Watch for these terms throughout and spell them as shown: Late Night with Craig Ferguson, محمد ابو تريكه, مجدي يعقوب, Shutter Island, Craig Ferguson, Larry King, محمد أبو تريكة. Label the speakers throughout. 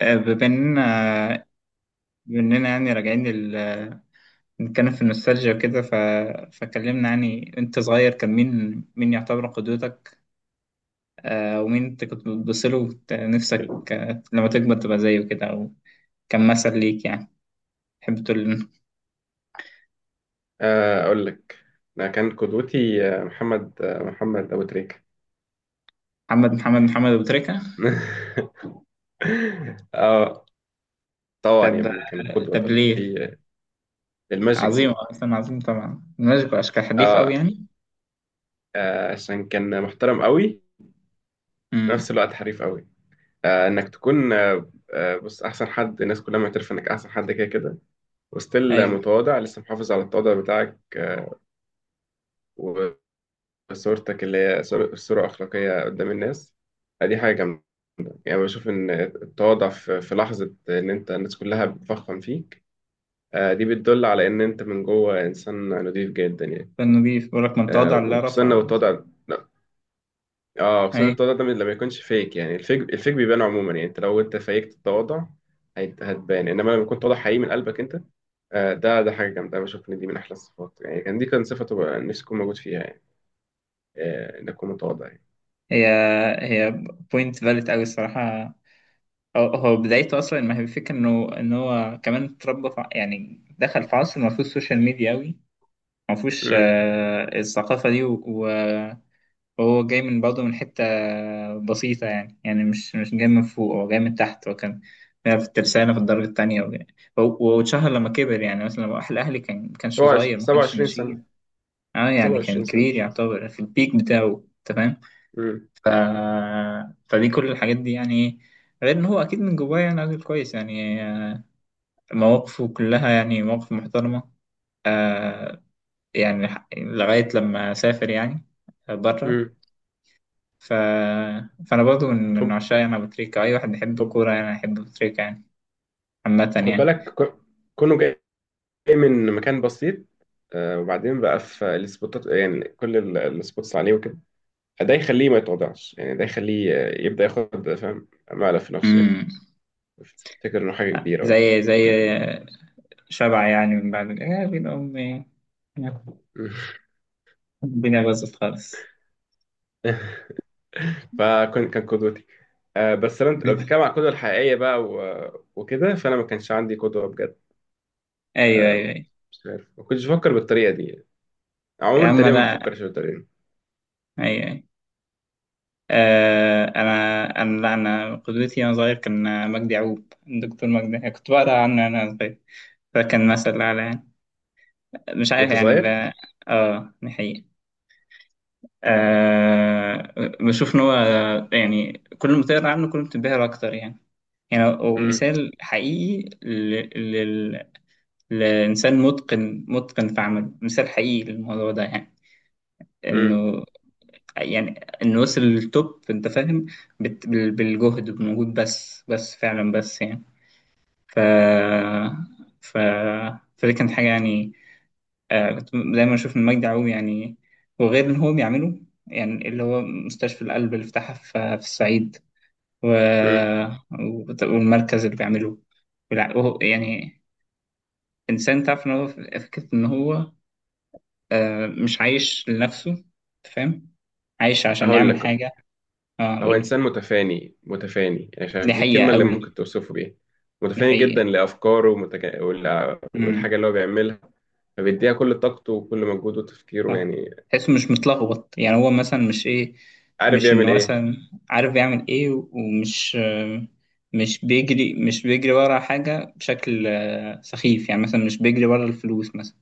Speaker 1: آه، بما اننا بما اننا يعني راجعين نتكلم في النوستالجيا وكده، فكلمنا، يعني انت صغير كان مين يعتبر قدوتك؟ ومين انت كنت بتبص له نفسك لما تكبر تبقى زيه كده، او كان مثل ليك يعني؟ تحب تقول؟
Speaker 2: أقول لك. أنا كان قدوتي محمد أبو تريكة.
Speaker 1: محمد ابو تريكه.
Speaker 2: آه طبعا يا
Speaker 1: طب،
Speaker 2: ابني، كان القدوة طبعا
Speaker 1: ليه؟
Speaker 2: في الماجيك
Speaker 1: عظيم
Speaker 2: هو.
Speaker 1: اصلا، عظيم طبعا، ماشي اشكال، حريف قوي
Speaker 2: آه
Speaker 1: يعني.
Speaker 2: عشان كان محترم قوي، في نفس
Speaker 1: امم.
Speaker 2: الوقت حريف قوي. إنك تكون بص، أحسن حد، الناس كلها معترفة إنك أحسن حد كده كده، وستيل
Speaker 1: ايوه.
Speaker 2: متواضع، لسه محافظ على التواضع بتاعك، وصورتك اللي هي صورة أخلاقية قدام الناس. دي حاجة جامدة. يعني بشوف إن التواضع في لحظة إن أنت الناس كلها بتفخم فيك، دي بتدل على إن أنت من جوه إنسان نضيف جدا يعني.
Speaker 1: فانه بيقول لك من تواضع لله
Speaker 2: وخصوصا لو
Speaker 1: رفعه.
Speaker 2: التواضع لا، اه خصوصا
Speaker 1: ايوه.
Speaker 2: التواضع ده لما يكونش فيك يعني، الفيك بيبان عموما يعني. أنت لو أنت فيكت التواضع هتبان، إنما لما يكون تواضع حقيقي من قلبك أنت، ده حاجة جامدة. أنا بشوف إن دي من أحلى الصفات، يعني كان دي كان صفة تبقى نفسي أكون موجود فيها يعني، إن أكون متواضع يعني.
Speaker 1: هي هي بوينت فاليد قوي الصراحه. هو بدايته اصلا، ما هي الفكره انه ان هو كمان اتربى يعني دخل في عصر ما فيهوش سوشيال ميديا قوي، ما فيهوش
Speaker 2: امم
Speaker 1: الثقافه دي وهو جاي من برضه من حته بسيطه يعني، يعني مش جاي من فوق، هو جاي من تحت. هو كان في الترسانه في الدرجه الثانيه، واتشهر لما كبر. يعني مثلا لما راح الاهلي، كان ما كانش صغير، ما كانش
Speaker 2: 27 سنة.
Speaker 1: ماشيين. اه يعني كان
Speaker 2: 27 سنة.
Speaker 1: كبير يعتبر في البيك بتاعه، تمام.
Speaker 2: امم
Speaker 1: ف... فدي كل الحاجات دي يعني. غير ان هو اكيد من جواه يعني راجل كويس يعني، مواقفه كلها يعني مواقف محترمة. آه، يعني لغاية لما سافر يعني، بره.
Speaker 2: امم
Speaker 1: ف... فانا برضو من
Speaker 2: طب،
Speaker 1: عشاق يعني ابو تريكة. اي واحد يحب
Speaker 2: طب،
Speaker 1: الكورة يعني يحب ابو تريكة يعني، عامة
Speaker 2: خد
Speaker 1: يعني.
Speaker 2: بالك كونه جاي من مكان بسيط. وبعدين بقى في السبوتات، يعني كل السبوتس عليه وكده، ده يخليه ما يتوضعش يعني، ده يخليه يبدأ ياخد فاهم مقلب في نفسه يعني.
Speaker 1: امم.
Speaker 2: افتكر انه حاجة كبيرة وبتاع.
Speaker 1: زي شبع يعني، من بعد يا بين امي الدنيا باظت خالص.
Speaker 2: فكان قدوتي. بس لو انت لو بتتكلم عن القدوة الحقيقية بقى وكده، فانا ما كانش عندي قدوة بجد.
Speaker 1: ايوه، ايوه، ايوه.
Speaker 2: مش عارف، ما كنتش بفكر بالطريقة دي يعني.
Speaker 1: يا
Speaker 2: عموما
Speaker 1: عم
Speaker 2: تقريبا ما
Speaker 1: لا.
Speaker 2: بفكرش بالطريقة دي.
Speaker 1: ايوه. انا لا، انا قدوتي وانا صغير كان مجدي يعقوب، الدكتور مجدي. كنت بقرا عنه وانا صغير، فكان مثل اعلى يعني. مش عارف
Speaker 2: وانت
Speaker 1: يعني
Speaker 2: صغير.
Speaker 1: اه دي حقيقة. آه بشوف ان هو يعني كل ما تقرا عنه كل ما بتنبهر اكتر يعني. يعني هو
Speaker 2: امم
Speaker 1: مثال حقيقي لل... لانسان متقن متقن في عمله، مثال حقيقي للموضوع ده يعني،
Speaker 2: امم
Speaker 1: انه، يعني انه وصل للتوب، انت فاهم، بالجهد، بالمجهود، بس فعلا، بس يعني. ف ف فدي كانت حاجه يعني. كنت دايما اشوف ان مجدي يعقوب يعني، وغير ان هو بيعمله، يعني اللي هو مستشفى القلب اللي فتحها في الصعيد و...
Speaker 2: امم
Speaker 1: والمركز اللي بيعمله وهو يعني انسان، تعرف ان هو، فكره ان هو مش عايش لنفسه، أنت فاهم. عايش عشان
Speaker 2: هقول
Speaker 1: يعمل
Speaker 2: لك،
Speaker 1: حاجه. اه
Speaker 2: هو
Speaker 1: قول.
Speaker 2: إنسان متفاني متفاني يعني،
Speaker 1: دي
Speaker 2: شايف دي
Speaker 1: حقيقه
Speaker 2: الكلمة اللي
Speaker 1: قوي.
Speaker 2: ممكن توصفه بيها.
Speaker 1: دي
Speaker 2: متفاني جدا
Speaker 1: حقيقة.
Speaker 2: لأفكاره،
Speaker 1: امم.
Speaker 2: والحاجة اللي هو بيعملها، فبيديها كل طاقته وكل مجهوده وتفكيره
Speaker 1: صح.
Speaker 2: يعني.
Speaker 1: تحسه مش متلخبط. يعني هو مثلا مش ايه،
Speaker 2: عارف
Speaker 1: مش
Speaker 2: يعمل
Speaker 1: انه
Speaker 2: إيه.
Speaker 1: مثلا عارف يعمل ايه، ومش، مش بيجري ورا حاجة بشكل سخيف. يعني مثلا مش بيجري ورا الفلوس مثلا،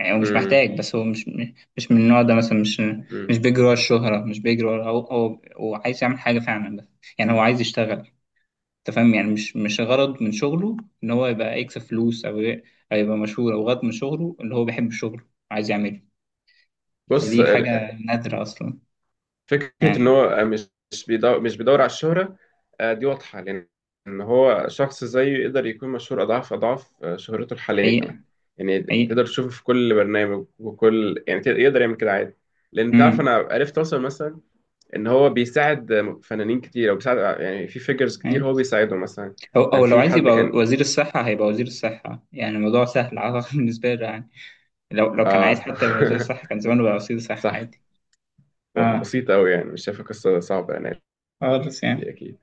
Speaker 1: يعني هو مش
Speaker 2: امم
Speaker 1: محتاج. بس هو مش، مش من النوع ده مثلا، مش،
Speaker 2: امم
Speaker 1: مش بيجري ورا الشهرة، مش بيجري ورا، هو عايز يعمل حاجة فعلا، بس. يعني هو عايز يشتغل، انت فاهم. يعني مش غرض من شغله ان هو يبقى يكسب فلوس او يبقى مشهور، او غرض من شغله ان هو بيحب شغله، عايز يعمله.
Speaker 2: بص،
Speaker 1: فدي حاجة نادرة أصلا.
Speaker 2: فكرة إن
Speaker 1: يعني
Speaker 2: هو مش بيدور على الشهرة، دي واضحة. لأن إن هو شخص زيه يقدر يكون مشهور أضعاف أضعاف، شهرته الحالية كمان
Speaker 1: حقيقة،
Speaker 2: يعني.
Speaker 1: حقيقة.
Speaker 2: تقدر تشوفه في كل برنامج وكل، يعني يقدر يعمل كده عادي، لأن تعرف
Speaker 1: امم.
Speaker 2: أنا عرفت أوصل مثلا ان هو بيساعد فنانين كتير، او بيساعد يعني في فيجرز كتير
Speaker 1: أي.
Speaker 2: هو بيساعدهم مثلا.
Speaker 1: أو
Speaker 2: كان
Speaker 1: أو لو
Speaker 2: في
Speaker 1: عايز
Speaker 2: حد
Speaker 1: يبقى
Speaker 2: كان.
Speaker 1: وزير الصحة هيبقى وزير الصحة. يعني الموضوع سهل، أعتقد بالنسبة له يعني. لو كان
Speaker 2: اه.
Speaker 1: عايز حتى يبقى وزير الصحة كان زمانه بقى وزير الصحة،
Speaker 2: صح.
Speaker 1: عادي. اه.
Speaker 2: بسيطة أوي يعني، مش شايفة قصة صعبة يعني.
Speaker 1: خالص يعني.
Speaker 2: أكيد.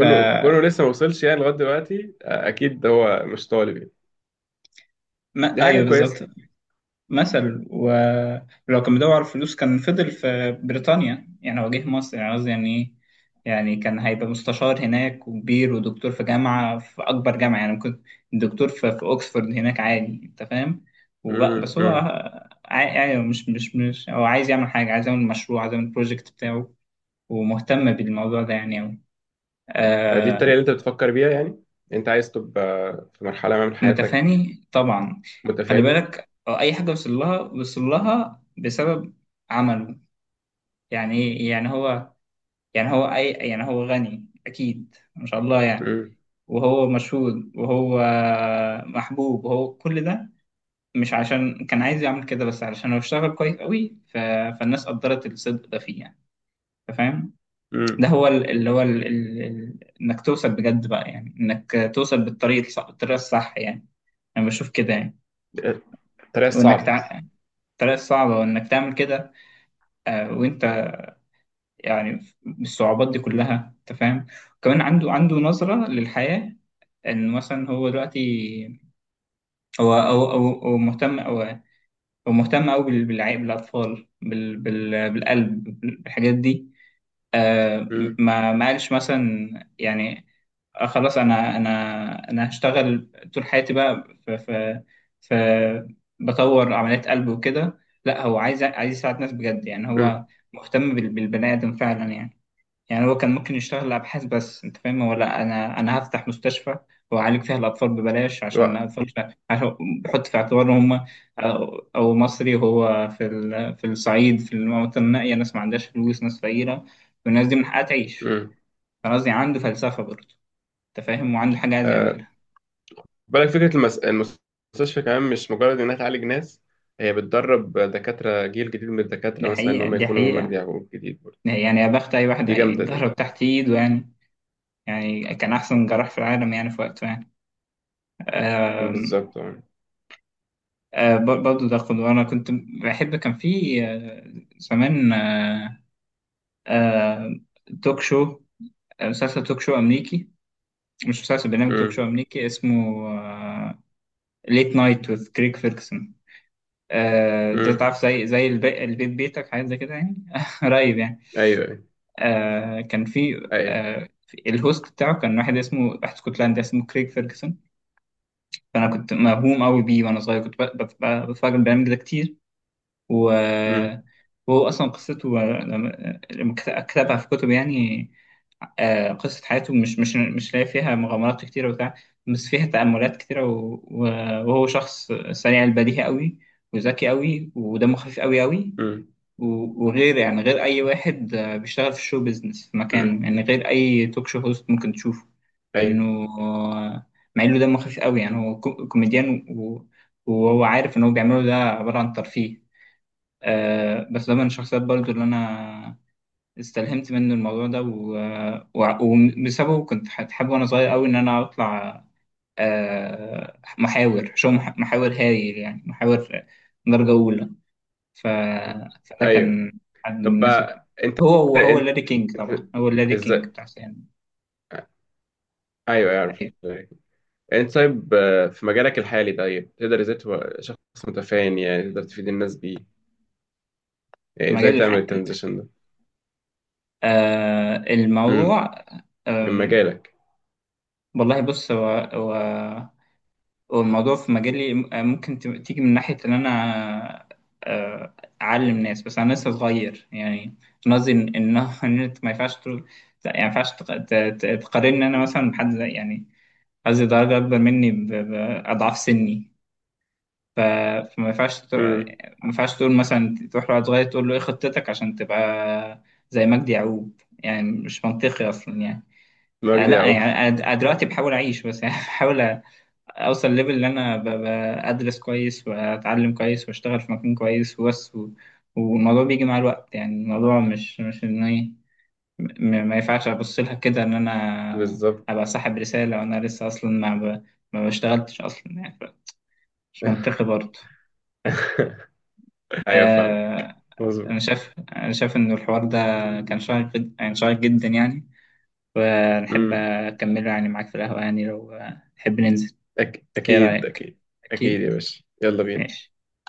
Speaker 1: ف
Speaker 2: كونه لسه ما وصلش يعني لغاية دلوقتي، أكيد هو مش طالب يعني.
Speaker 1: ما
Speaker 2: دي حاجة
Speaker 1: أيوه، بالظبط.
Speaker 2: كويسة.
Speaker 1: مثل، ولو كان بيدور على الفلوس كان فضل في بريطانيا. يعني هو جه مصر، يعني قصدي يعني ايه، يعني كان هيبقى مستشار هناك وكبير، ودكتور في جامعة، في أكبر جامعة يعني. كنت دكتور في أوكسفورد هناك عادي، أنت فاهم. وبقى، بس هو
Speaker 2: أمم.
Speaker 1: يعني مش هو عايز يعمل حاجة، عايز يعمل مشروع، عايز يعمل بروجكت بتاعه، ومهتم بالموضوع ده يعني أوي.
Speaker 2: دي الطريقة
Speaker 1: آه.
Speaker 2: اللي أنت بتفكر بيها يعني. أنت عايز تبقى في مرحلة ما من حياتك
Speaker 1: متفاني طبعا. خلي
Speaker 2: متفاني.
Speaker 1: بالك، أي حاجة وصل لها، وصل لها بسبب عمله. يعني ايه، يعني هو، يعني هو اي، يعني هو غني اكيد ما شاء الله يعني،
Speaker 2: امم
Speaker 1: وهو مشهور، وهو محبوب، وهو كل ده مش عشان كان عايز يعمل كده، بس علشان هو اشتغل كويس قوي. فالناس قدرت الصدق ده فيه يعني، أنت فاهم.
Speaker 2: امم
Speaker 1: ده هو اللي هو انك توصل بجد بقى يعني، انك توصل بالطريق الصح، الطريقه الصح يعني. انا بشوف كده يعني.
Speaker 2: الطريقة
Speaker 1: وانك
Speaker 2: الصعبة.
Speaker 1: تع... الطريقه الصعبه، وانك تعمل كده وانت يعني الصعوبات دي كلها، انت فاهم. كمان عنده، نظرة للحياة. ان مثلا هو دلوقتي هو او مهتم او، هو مهتم قوي بالعيب، بالاطفال، بال بالقلب، بالحاجات دي. آه
Speaker 2: امم
Speaker 1: ما قالش مثلا يعني، خلاص انا، انا هشتغل طول حياتي بقى ف ف ف بطور عمليات قلب وكده. لا، هو عايز، يساعد ناس بجد يعني.
Speaker 2: امم
Speaker 1: هو مهتم بالبني ادم فعلا يعني. يعني هو كان ممكن يشتغل أبحاث، بس أنت فاهم، هو لا، أنا، هفتح مستشفى وأعالج فيها الأطفال ببلاش عشان
Speaker 2: و-
Speaker 1: الأطفال، عشان بحط في اعتبار إن هم أو, أو مصري، هو في في الصعيد، في المناطق النائية، ناس ما عندهاش فلوس، ناس فقيرة، والناس دي من حقها تعيش.
Speaker 2: امم
Speaker 1: فقصدي عنده فلسفة برضه، أنت فاهم، وعنده حاجة عايز يعملها.
Speaker 2: بالك فكرة المستشفى كمان، مش مجرد إنها تعالج ناس، هي بتدرب دكاترة جيل جديد من
Speaker 1: دي
Speaker 2: الدكاترة، مثلا إن
Speaker 1: حقيقة،
Speaker 2: هم
Speaker 1: دي
Speaker 2: يكونوا مجدي
Speaker 1: حقيقة.
Speaker 2: يعقوب جديد برضه.
Speaker 1: يعني يا بخت أي واحد
Speaker 2: دي جامدة دي.
Speaker 1: هيتضرب تحت إيده يعني. يعني كان أحسن جراح في العالم يعني، في وقته يعني.
Speaker 2: بالظبط، أه.
Speaker 1: برضه ده خد. وانا كنت بحب، كان في زمان، آه، توك شو، مسلسل توك شو امريكي، مش مسلسل، برنامج توك شو
Speaker 2: أمم،
Speaker 1: امريكي اسمه ليت نايت وذ كريك فيركسون. ده
Speaker 2: أمم.
Speaker 1: تعرف، زي البيت بيتك، حاجات زي كده يعني، قريب يعني.
Speaker 2: أيوه، أيوه،
Speaker 1: كان في
Speaker 2: أيوه.
Speaker 1: الهوست بتاعه كان واحد اسمه، واحد اسكتلندي اسمه كريك فيركسون. فانا كنت مهووم قوي بيه وانا صغير. كنت بتفرج على البرنامج ده كتير و
Speaker 2: أمم،
Speaker 1: وهو أصلا قصته، لما كتبها في كتب يعني، قصة حياته، مش، مش لاقي فيها مغامرات كتيرة وبتاع، بس فيها تأملات كتيرة وهو شخص سريع البديهة قوي، وذكي قوي، ودمه خفيف قوي قوي.
Speaker 2: أمم،
Speaker 1: وغير يعني غير أي واحد بيشتغل في الشو بيزنس في
Speaker 2: أمم.
Speaker 1: مكان يعني، غير أي توك شو هوست ممكن تشوفه.
Speaker 2: أيوه،
Speaker 1: إنه مع إنه دمه خفيف قوي، يعني هو كوميديان، وهو عارف إن هو بيعمله ده عبارة عن ترفيه. بس ده من الشخصيات برضو اللي انا استلهمت منه الموضوع ده، وبسببه كنت حابب وانا صغير قوي ان انا اطلع محاور شو، محاور هايل يعني، محاور درجة أولى. ف... فده
Speaker 2: أيوه.
Speaker 1: كان حد من
Speaker 2: طب
Speaker 1: الناس اللي،
Speaker 2: بقى
Speaker 1: وهو
Speaker 2: أنت
Speaker 1: لاري كينج
Speaker 2: أنت
Speaker 1: طبعا، هو لاري كينج
Speaker 2: إزاي؟
Speaker 1: بتاع سيان.
Speaker 2: أيوه أعرف.
Speaker 1: أيوة.
Speaker 2: أنت طيب، في مجالك الحالي، طيب تقدر إزاي تبقى شخص متفاني يعني، تقدر تفيد الناس بيه،
Speaker 1: في
Speaker 2: يعني
Speaker 1: مجال
Speaker 2: إزاي تعمل
Speaker 1: الحق،
Speaker 2: الترانزيشن ده؟ أمم،
Speaker 1: الموضوع،
Speaker 2: من
Speaker 1: آم،
Speaker 2: مجالك.
Speaker 1: والله بص. هو، والموضوع في مجالي ممكن تيجي من ناحية إن أنا آه، أعلم ناس. بس أنا لسه صغير يعني. أنا قصدي إن إن أنت ما ينفعش يعني ما ينفعش تقارن أنا مثلا بحد يعني قصدي درجة أكبر مني بأضعاف سني. ف- فما ينفعش ما
Speaker 2: امم
Speaker 1: ينفعش تقول مثلا تروح لواحد صغير تقول له إيه خطتك عشان تبقى زي مجدي يعقوب؟ يعني مش منطقي أصلا يعني.
Speaker 2: مجدي
Speaker 1: لا
Speaker 2: يعقوب.
Speaker 1: يعني أنا، دلوقتي بحاول أعيش بس، يعني بحاول اوصل ليفل اللي انا بدرس كويس، واتعلم كويس، واشتغل في مكان كويس وبس والموضوع بيجي مع الوقت يعني. الموضوع مش، ان ايه، ما ينفعش ابص لها كده ان انا
Speaker 2: بالظبط.
Speaker 1: ابقى صاحب رسالة وانا لسه اصلا ما ما بشتغلتش اصلا يعني. مش منطقي برضه.
Speaker 2: ايوه فاهم.
Speaker 1: آه... انا
Speaker 2: مظبوط.
Speaker 1: شايف، ان الحوار ده كان شيق يعني شيق جدا يعني، ونحب
Speaker 2: امم
Speaker 1: اكمله يعني معاك في القهوة يعني، لو تحب ننزل. ايه
Speaker 2: اكيد.
Speaker 1: رأيك؟
Speaker 2: اكيد اكيد يا
Speaker 1: اكيد.
Speaker 2: باشا، يلا بينا.
Speaker 1: ماشي.